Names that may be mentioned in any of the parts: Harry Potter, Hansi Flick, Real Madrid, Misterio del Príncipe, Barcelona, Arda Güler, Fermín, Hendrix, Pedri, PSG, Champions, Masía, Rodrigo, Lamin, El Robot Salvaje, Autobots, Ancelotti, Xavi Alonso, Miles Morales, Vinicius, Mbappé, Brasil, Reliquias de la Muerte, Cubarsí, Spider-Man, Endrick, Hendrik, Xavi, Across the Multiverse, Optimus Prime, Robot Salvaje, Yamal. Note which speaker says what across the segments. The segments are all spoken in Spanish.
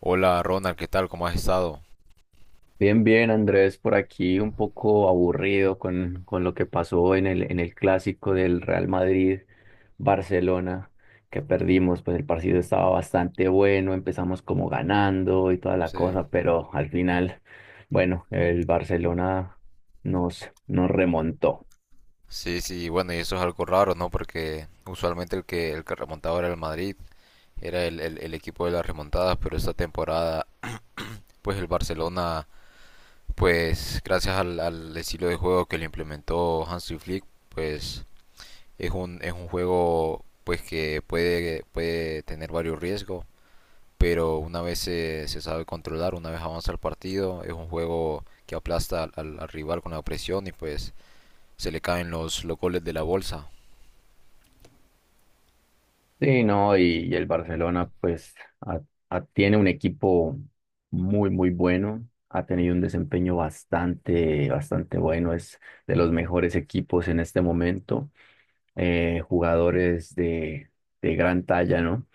Speaker 1: Hola Ronald, ¿qué tal? ¿Cómo has estado?
Speaker 2: Bien, bien, Andrés, por aquí un poco aburrido con lo que pasó en el clásico del Real Madrid-Barcelona que perdimos. Pues el partido estaba bastante bueno, empezamos como ganando y toda la
Speaker 1: Sí,
Speaker 2: cosa, pero al final, bueno, el Barcelona nos remontó.
Speaker 1: sí, sí, bueno, y eso es algo raro, ¿no? Porque usualmente el que remontaba era el Madrid, era el equipo de las remontadas, pero esta temporada, pues el Barcelona, pues gracias al estilo de juego que le implementó Hansi Flick, pues es un juego pues que puede tener varios riesgos, pero una vez se sabe controlar, una vez avanza el partido, es un juego que aplasta al rival con la presión y pues se le caen los goles de la bolsa.
Speaker 2: Sí, no, y el Barcelona pues a- tiene un equipo muy, muy bueno, ha tenido un desempeño bastante bueno, es de los mejores equipos en este momento, jugadores de gran talla, ¿no?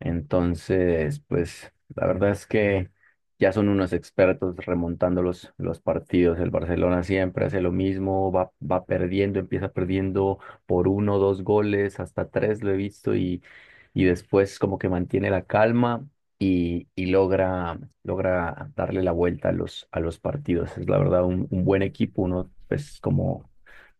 Speaker 2: Entonces, pues la verdad es que ya son unos expertos remontando los partidos. El Barcelona siempre hace lo mismo, va perdiendo, empieza perdiendo por uno, dos goles, hasta tres lo he visto, y después como que mantiene la calma y logra, logra darle la vuelta a a los partidos. Es la verdad un buen equipo. Uno pues como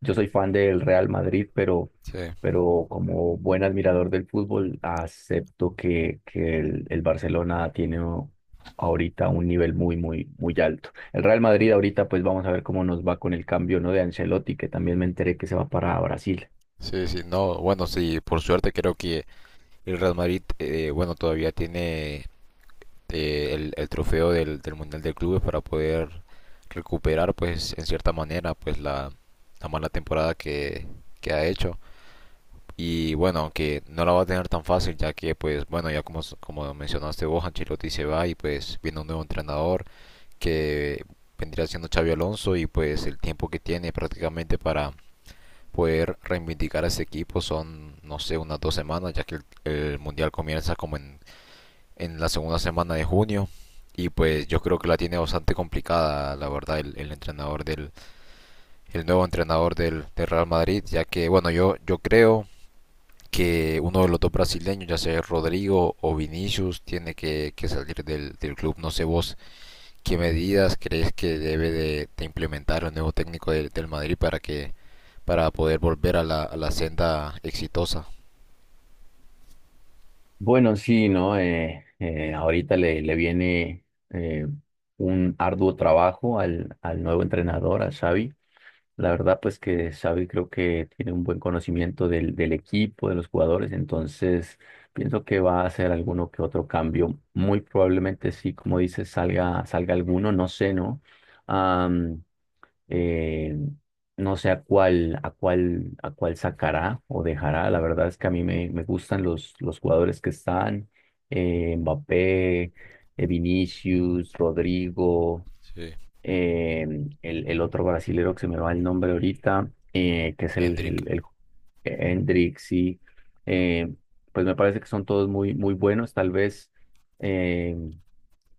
Speaker 2: yo soy fan del Real Madrid, pero
Speaker 1: Sí,
Speaker 2: como buen admirador del fútbol, acepto que el Barcelona tiene ahorita un nivel muy, muy, muy alto. El Real Madrid ahorita, pues vamos a ver cómo nos va con el cambio, ¿no?, de Ancelotti, que también me enteré que se va para Brasil.
Speaker 1: sí, sí, no, bueno, sí, por suerte creo que el Real Madrid, bueno, todavía tiene el trofeo del Mundial de Clubes para poder recuperar, pues, en cierta manera, pues, la mala temporada que ha hecho. Y bueno, aunque no la va a tener tan fácil, ya que, pues, bueno, ya como mencionaste vos, Ancelotti se va y pues viene un nuevo entrenador que vendría siendo Xavi Alonso y pues el tiempo que tiene prácticamente para poder reivindicar a ese equipo son, no sé, unas dos semanas, ya que el mundial comienza como en la segunda semana de junio. Y pues yo creo que la tiene bastante complicada, la verdad, el nuevo entrenador del Real Madrid, ya que, bueno, yo creo que uno de los dos brasileños, ya sea Rodrigo o Vinicius, tiene que salir del club. No sé vos qué medidas crees que debe de implementar el nuevo técnico del Madrid para poder volver a la senda exitosa.
Speaker 2: Bueno, sí, ¿no? Ahorita le viene eh, un arduo trabajo al, al nuevo entrenador, a Xavi. La verdad, pues que Xavi creo que tiene un buen conocimiento del equipo, de los jugadores. Entonces pienso que va a hacer alguno que otro cambio. Muy probablemente sí, como dices, salga alguno, no sé, ¿no? eh, no sé a a cuál sacará o dejará. La verdad es que a mí me gustan los jugadores que están. Eh, Mbappé, Vinicius, Rodrigo,
Speaker 1: Sí,
Speaker 2: eh, el otro brasilero que se me va el nombre ahorita, que es
Speaker 1: Hendrik.
Speaker 2: el Hendrix, sí. Eh, pues me parece que son todos muy, muy buenos. Tal vez, eh,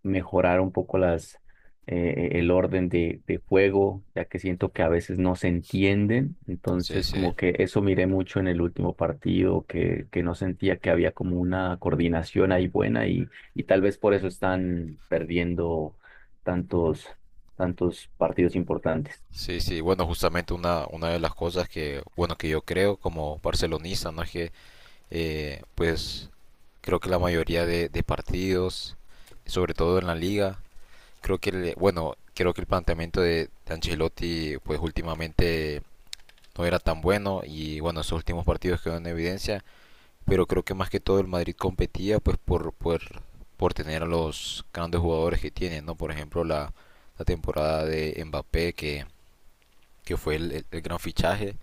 Speaker 2: mejorar un poco las, el orden de juego, ya que siento que a veces no se entienden.
Speaker 1: Sí,
Speaker 2: Entonces,
Speaker 1: sí.
Speaker 2: como que eso miré mucho en el último partido, que no sentía que había como una coordinación ahí buena, y tal vez por eso están perdiendo tantos, tantos partidos importantes.
Speaker 1: Sí, sí. Bueno, justamente una de las cosas que, bueno, que yo creo como barcelonista, ¿no? Es que, pues, creo que la mayoría de partidos, sobre todo en la liga, creo que, bueno, creo que el planteamiento de Ancelotti, pues, últimamente no era tan bueno y, bueno, esos últimos partidos quedaron en evidencia, pero creo que más que todo el Madrid competía pues por tener a los grandes jugadores que tiene, ¿no? Por ejemplo, la temporada de Mbappé, que fue el gran fichaje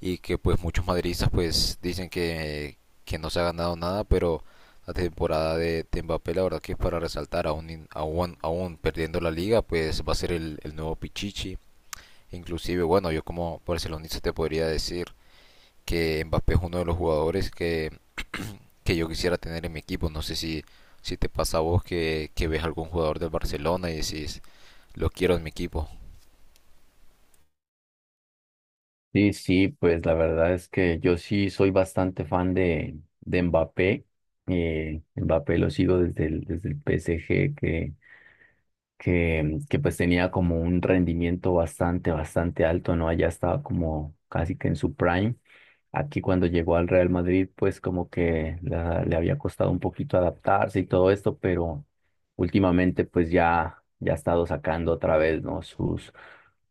Speaker 1: y que pues muchos madridistas pues dicen que no se ha ganado nada, pero la temporada de Mbappé la verdad que es para resaltar, aún perdiendo la liga, pues va a ser el nuevo Pichichi. Inclusive, bueno, yo como barcelonista te podría decir que Mbappé es uno de los jugadores que yo quisiera tener en mi equipo. No sé si te pasa a vos que ves algún jugador del Barcelona y decís, lo quiero en mi equipo.
Speaker 2: Sí, sí, pues la verdad es que yo sí soy bastante fan de Mbappé. Mbappé lo sigo desde desde el PSG, que pues tenía como un rendimiento bastante, bastante alto, ¿no? Allá estaba como casi que en su prime. Aquí cuando llegó al Real Madrid, pues como que le había costado un poquito adaptarse y todo esto, pero últimamente pues ya ha estado sacando otra vez, ¿no?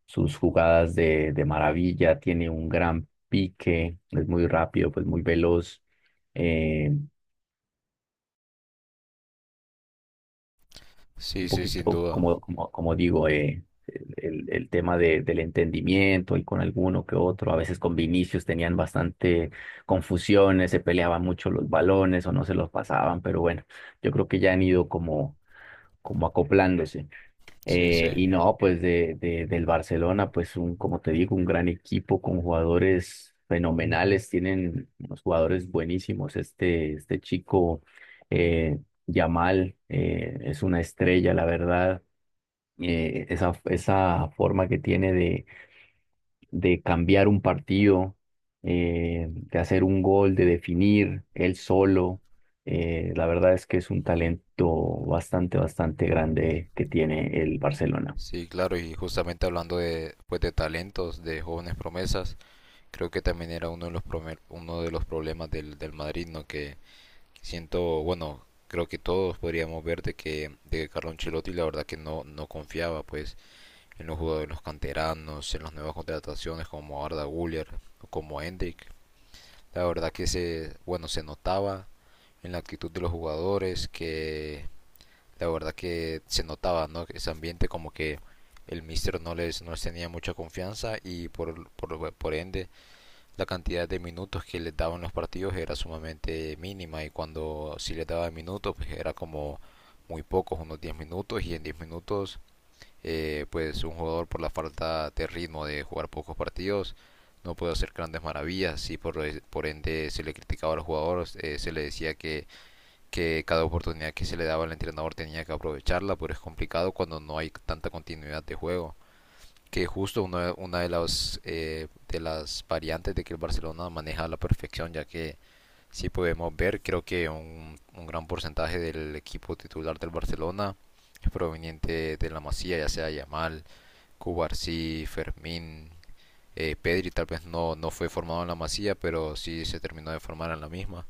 Speaker 2: Sus jugadas de maravilla, tiene un gran pique, es muy rápido, pues muy veloz. Eh,
Speaker 1: Sí,
Speaker 2: un
Speaker 1: sí, sin
Speaker 2: poquito,
Speaker 1: duda.
Speaker 2: como digo, el tema del entendimiento y con alguno que otro. A veces con Vinicius tenían bastante confusiones, se peleaban mucho los balones o no se los pasaban, pero bueno, yo creo que ya han ido como, como acoplándose.
Speaker 1: Sí, sí.
Speaker 2: Y no, pues del Barcelona, pues un, como te digo, un gran equipo con jugadores fenomenales, tienen unos jugadores buenísimos. Este chico, eh, Yamal, es una estrella, la verdad. Esa forma que tiene de cambiar un partido, de hacer un gol, de definir él solo, la verdad es que es un talento bastante, bastante grande que tiene el Barcelona.
Speaker 1: Sí, claro, y justamente hablando de, pues, de talentos, de jóvenes promesas, creo que también era uno de los problemas del Madrid, ¿no? Que siento, bueno, creo que todos podríamos ver de que Carlo Ancelotti la verdad que no confiaba, pues, en los jugadores, en los canteranos, en las nuevas contrataciones como Arda Güler, como Endrick. La verdad que bueno, se notaba en la actitud de los jugadores que la verdad que se notaba, ¿no? Ese ambiente como que el mister no les tenía mucha confianza y por ende la cantidad de minutos que les daban los partidos era sumamente mínima, y cuando sí les daba minutos pues era como muy pocos, unos 10 minutos, y en 10 minutos pues un jugador por la falta de ritmo de jugar pocos partidos no puede hacer grandes maravillas, y por ende se le criticaba a los jugadores, se le decía que, cada oportunidad que se le daba al entrenador tenía que aprovecharla, pero es complicado cuando no hay tanta continuidad de juego. Que justo una de las variantes de que el Barcelona maneja a la perfección, ya que si podemos ver, creo que un gran porcentaje del equipo titular del Barcelona es proveniente de la Masía, ya sea Yamal, Cubarsí, Fermín, Pedri tal vez no fue formado en la Masía, pero sí se terminó de formar en la misma.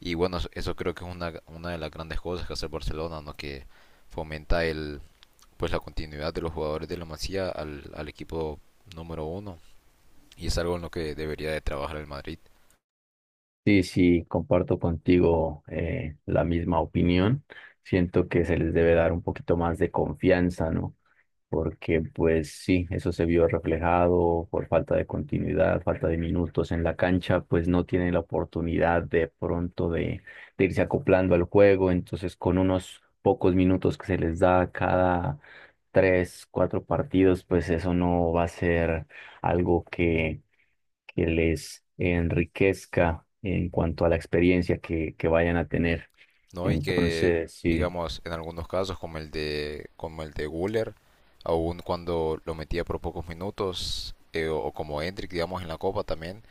Speaker 1: Y bueno, creo que es una de las grandes cosas que hace el Barcelona, ¿no? Que fomenta pues la continuidad de los jugadores de la Masía al equipo número uno. Y es algo en lo que debería de trabajar el Madrid.
Speaker 2: Sí, sí, comparto contigo, la misma opinión. Siento que se les debe dar un poquito más de confianza, ¿no? Porque pues sí, eso se vio reflejado por falta de continuidad, falta de minutos en la cancha, pues no tienen la oportunidad de pronto de irse acoplando al juego. Entonces, con unos pocos minutos que se les da cada tres, cuatro partidos, pues eso no va a ser algo que les enriquezca en cuanto a la experiencia que vayan a tener.
Speaker 1: ¿No? Y que,
Speaker 2: Entonces, sí,
Speaker 1: digamos, en algunos casos, como el de Güler, aún cuando lo metía por pocos minutos, o como Endrick, digamos, en la Copa también,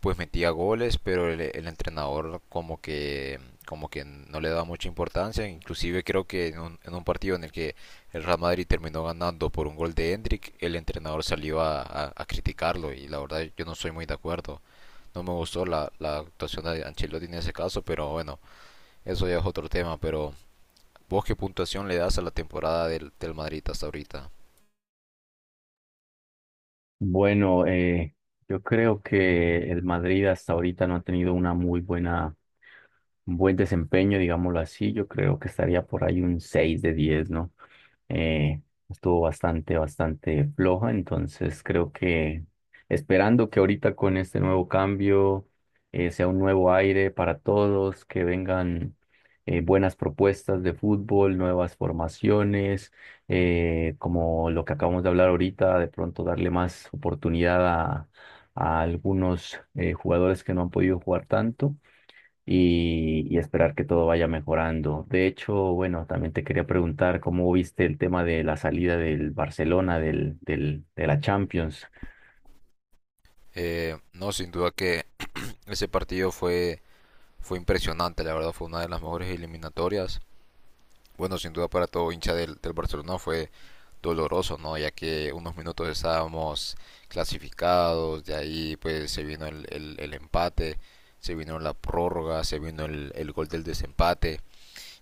Speaker 1: pues metía goles, pero el entrenador como que no le daba mucha importancia, inclusive creo que en un partido en el que el Real Madrid terminó ganando por un gol de Hendrik, el entrenador salió a criticarlo y la verdad yo no soy muy de acuerdo. No me gustó la actuación de Ancelotti en ese caso, pero bueno, eso ya es otro tema. ¿Pero vos qué puntuación le das a la temporada del Madrid hasta ahorita?
Speaker 2: bueno, yo creo que el Madrid hasta ahorita no ha tenido una muy buena, un buen desempeño, digámoslo así. Yo creo que estaría por ahí un 6 de 10, ¿no? Eh, estuvo bastante, bastante floja, entonces creo que esperando que ahorita con este nuevo cambio, sea un nuevo aire para todos, que vengan buenas propuestas de fútbol, nuevas formaciones, como lo que acabamos de hablar ahorita, de pronto darle más oportunidad a algunos jugadores que no han podido jugar tanto, y esperar que todo vaya mejorando. De hecho, bueno, también te quería preguntar cómo viste el tema de la salida del Barcelona de la Champions
Speaker 1: No, sin duda que ese partido fue impresionante, la verdad fue una de las mejores eliminatorias. Bueno, sin duda para todo hincha del Barcelona fue doloroso, ¿no? Ya que unos minutos estábamos clasificados, de ahí pues se vino el empate, se vino la prórroga, se vino el gol del desempate,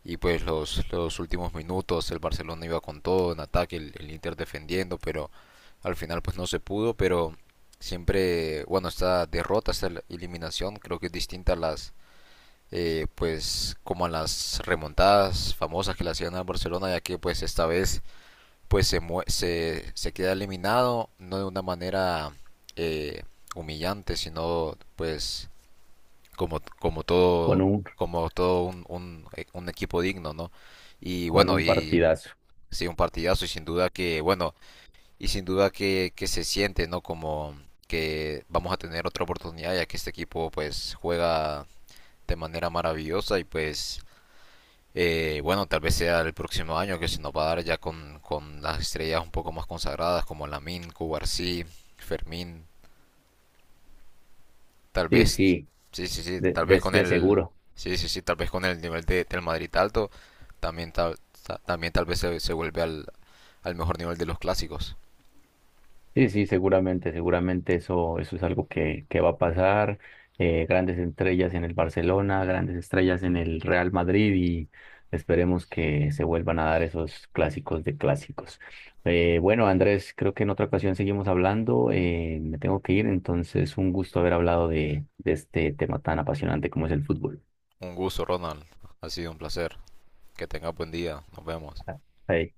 Speaker 1: y pues los últimos minutos el Barcelona iba con todo en ataque, el Inter defendiendo, pero al final pues no se pudo. Pero siempre, bueno, esta derrota, esta eliminación creo que es distinta a las pues como en las remontadas famosas que le hacían al Barcelona, ya que pues esta vez pues se queda eliminado, no de una manera eh, humillante, sino pues como, como
Speaker 2: con
Speaker 1: todo,
Speaker 2: un,
Speaker 1: como todo un equipo digno, ¿no? Y
Speaker 2: con
Speaker 1: bueno,
Speaker 2: un
Speaker 1: y
Speaker 2: partidazo.
Speaker 1: sí, un partidazo, y sin duda que, bueno, y sin duda que, se siente, ¿no? Como que vamos a tener otra oportunidad, ya que este equipo pues juega de manera maravillosa y pues bueno, tal vez sea el próximo año que se nos va a dar ya con las estrellas un poco más consagradas como Lamin, Cubarsí, Fermín, tal
Speaker 2: Sí,
Speaker 1: vez,
Speaker 2: sí,
Speaker 1: sí, sí, sí, tal vez con
Speaker 2: de
Speaker 1: el,
Speaker 2: seguro.
Speaker 1: sí, sí, sí, tal vez con el nivel del Madrid alto, también tal vez se vuelve al mejor nivel de los clásicos.
Speaker 2: Sí, sí, seguramente, seguramente eso, eso es algo que va a pasar. Grandes estrellas en el Barcelona, grandes estrellas en el Real Madrid, y esperemos que se vuelvan a dar esos clásicos de clásicos. Bueno, Andrés, creo que en otra ocasión seguimos hablando. Eh, me tengo que ir, entonces un gusto haber hablado de este tema tan apasionante como es el fútbol.
Speaker 1: Un gusto, Ronald, ha sido un placer, que tengas buen día, nos vemos.
Speaker 2: Ahí.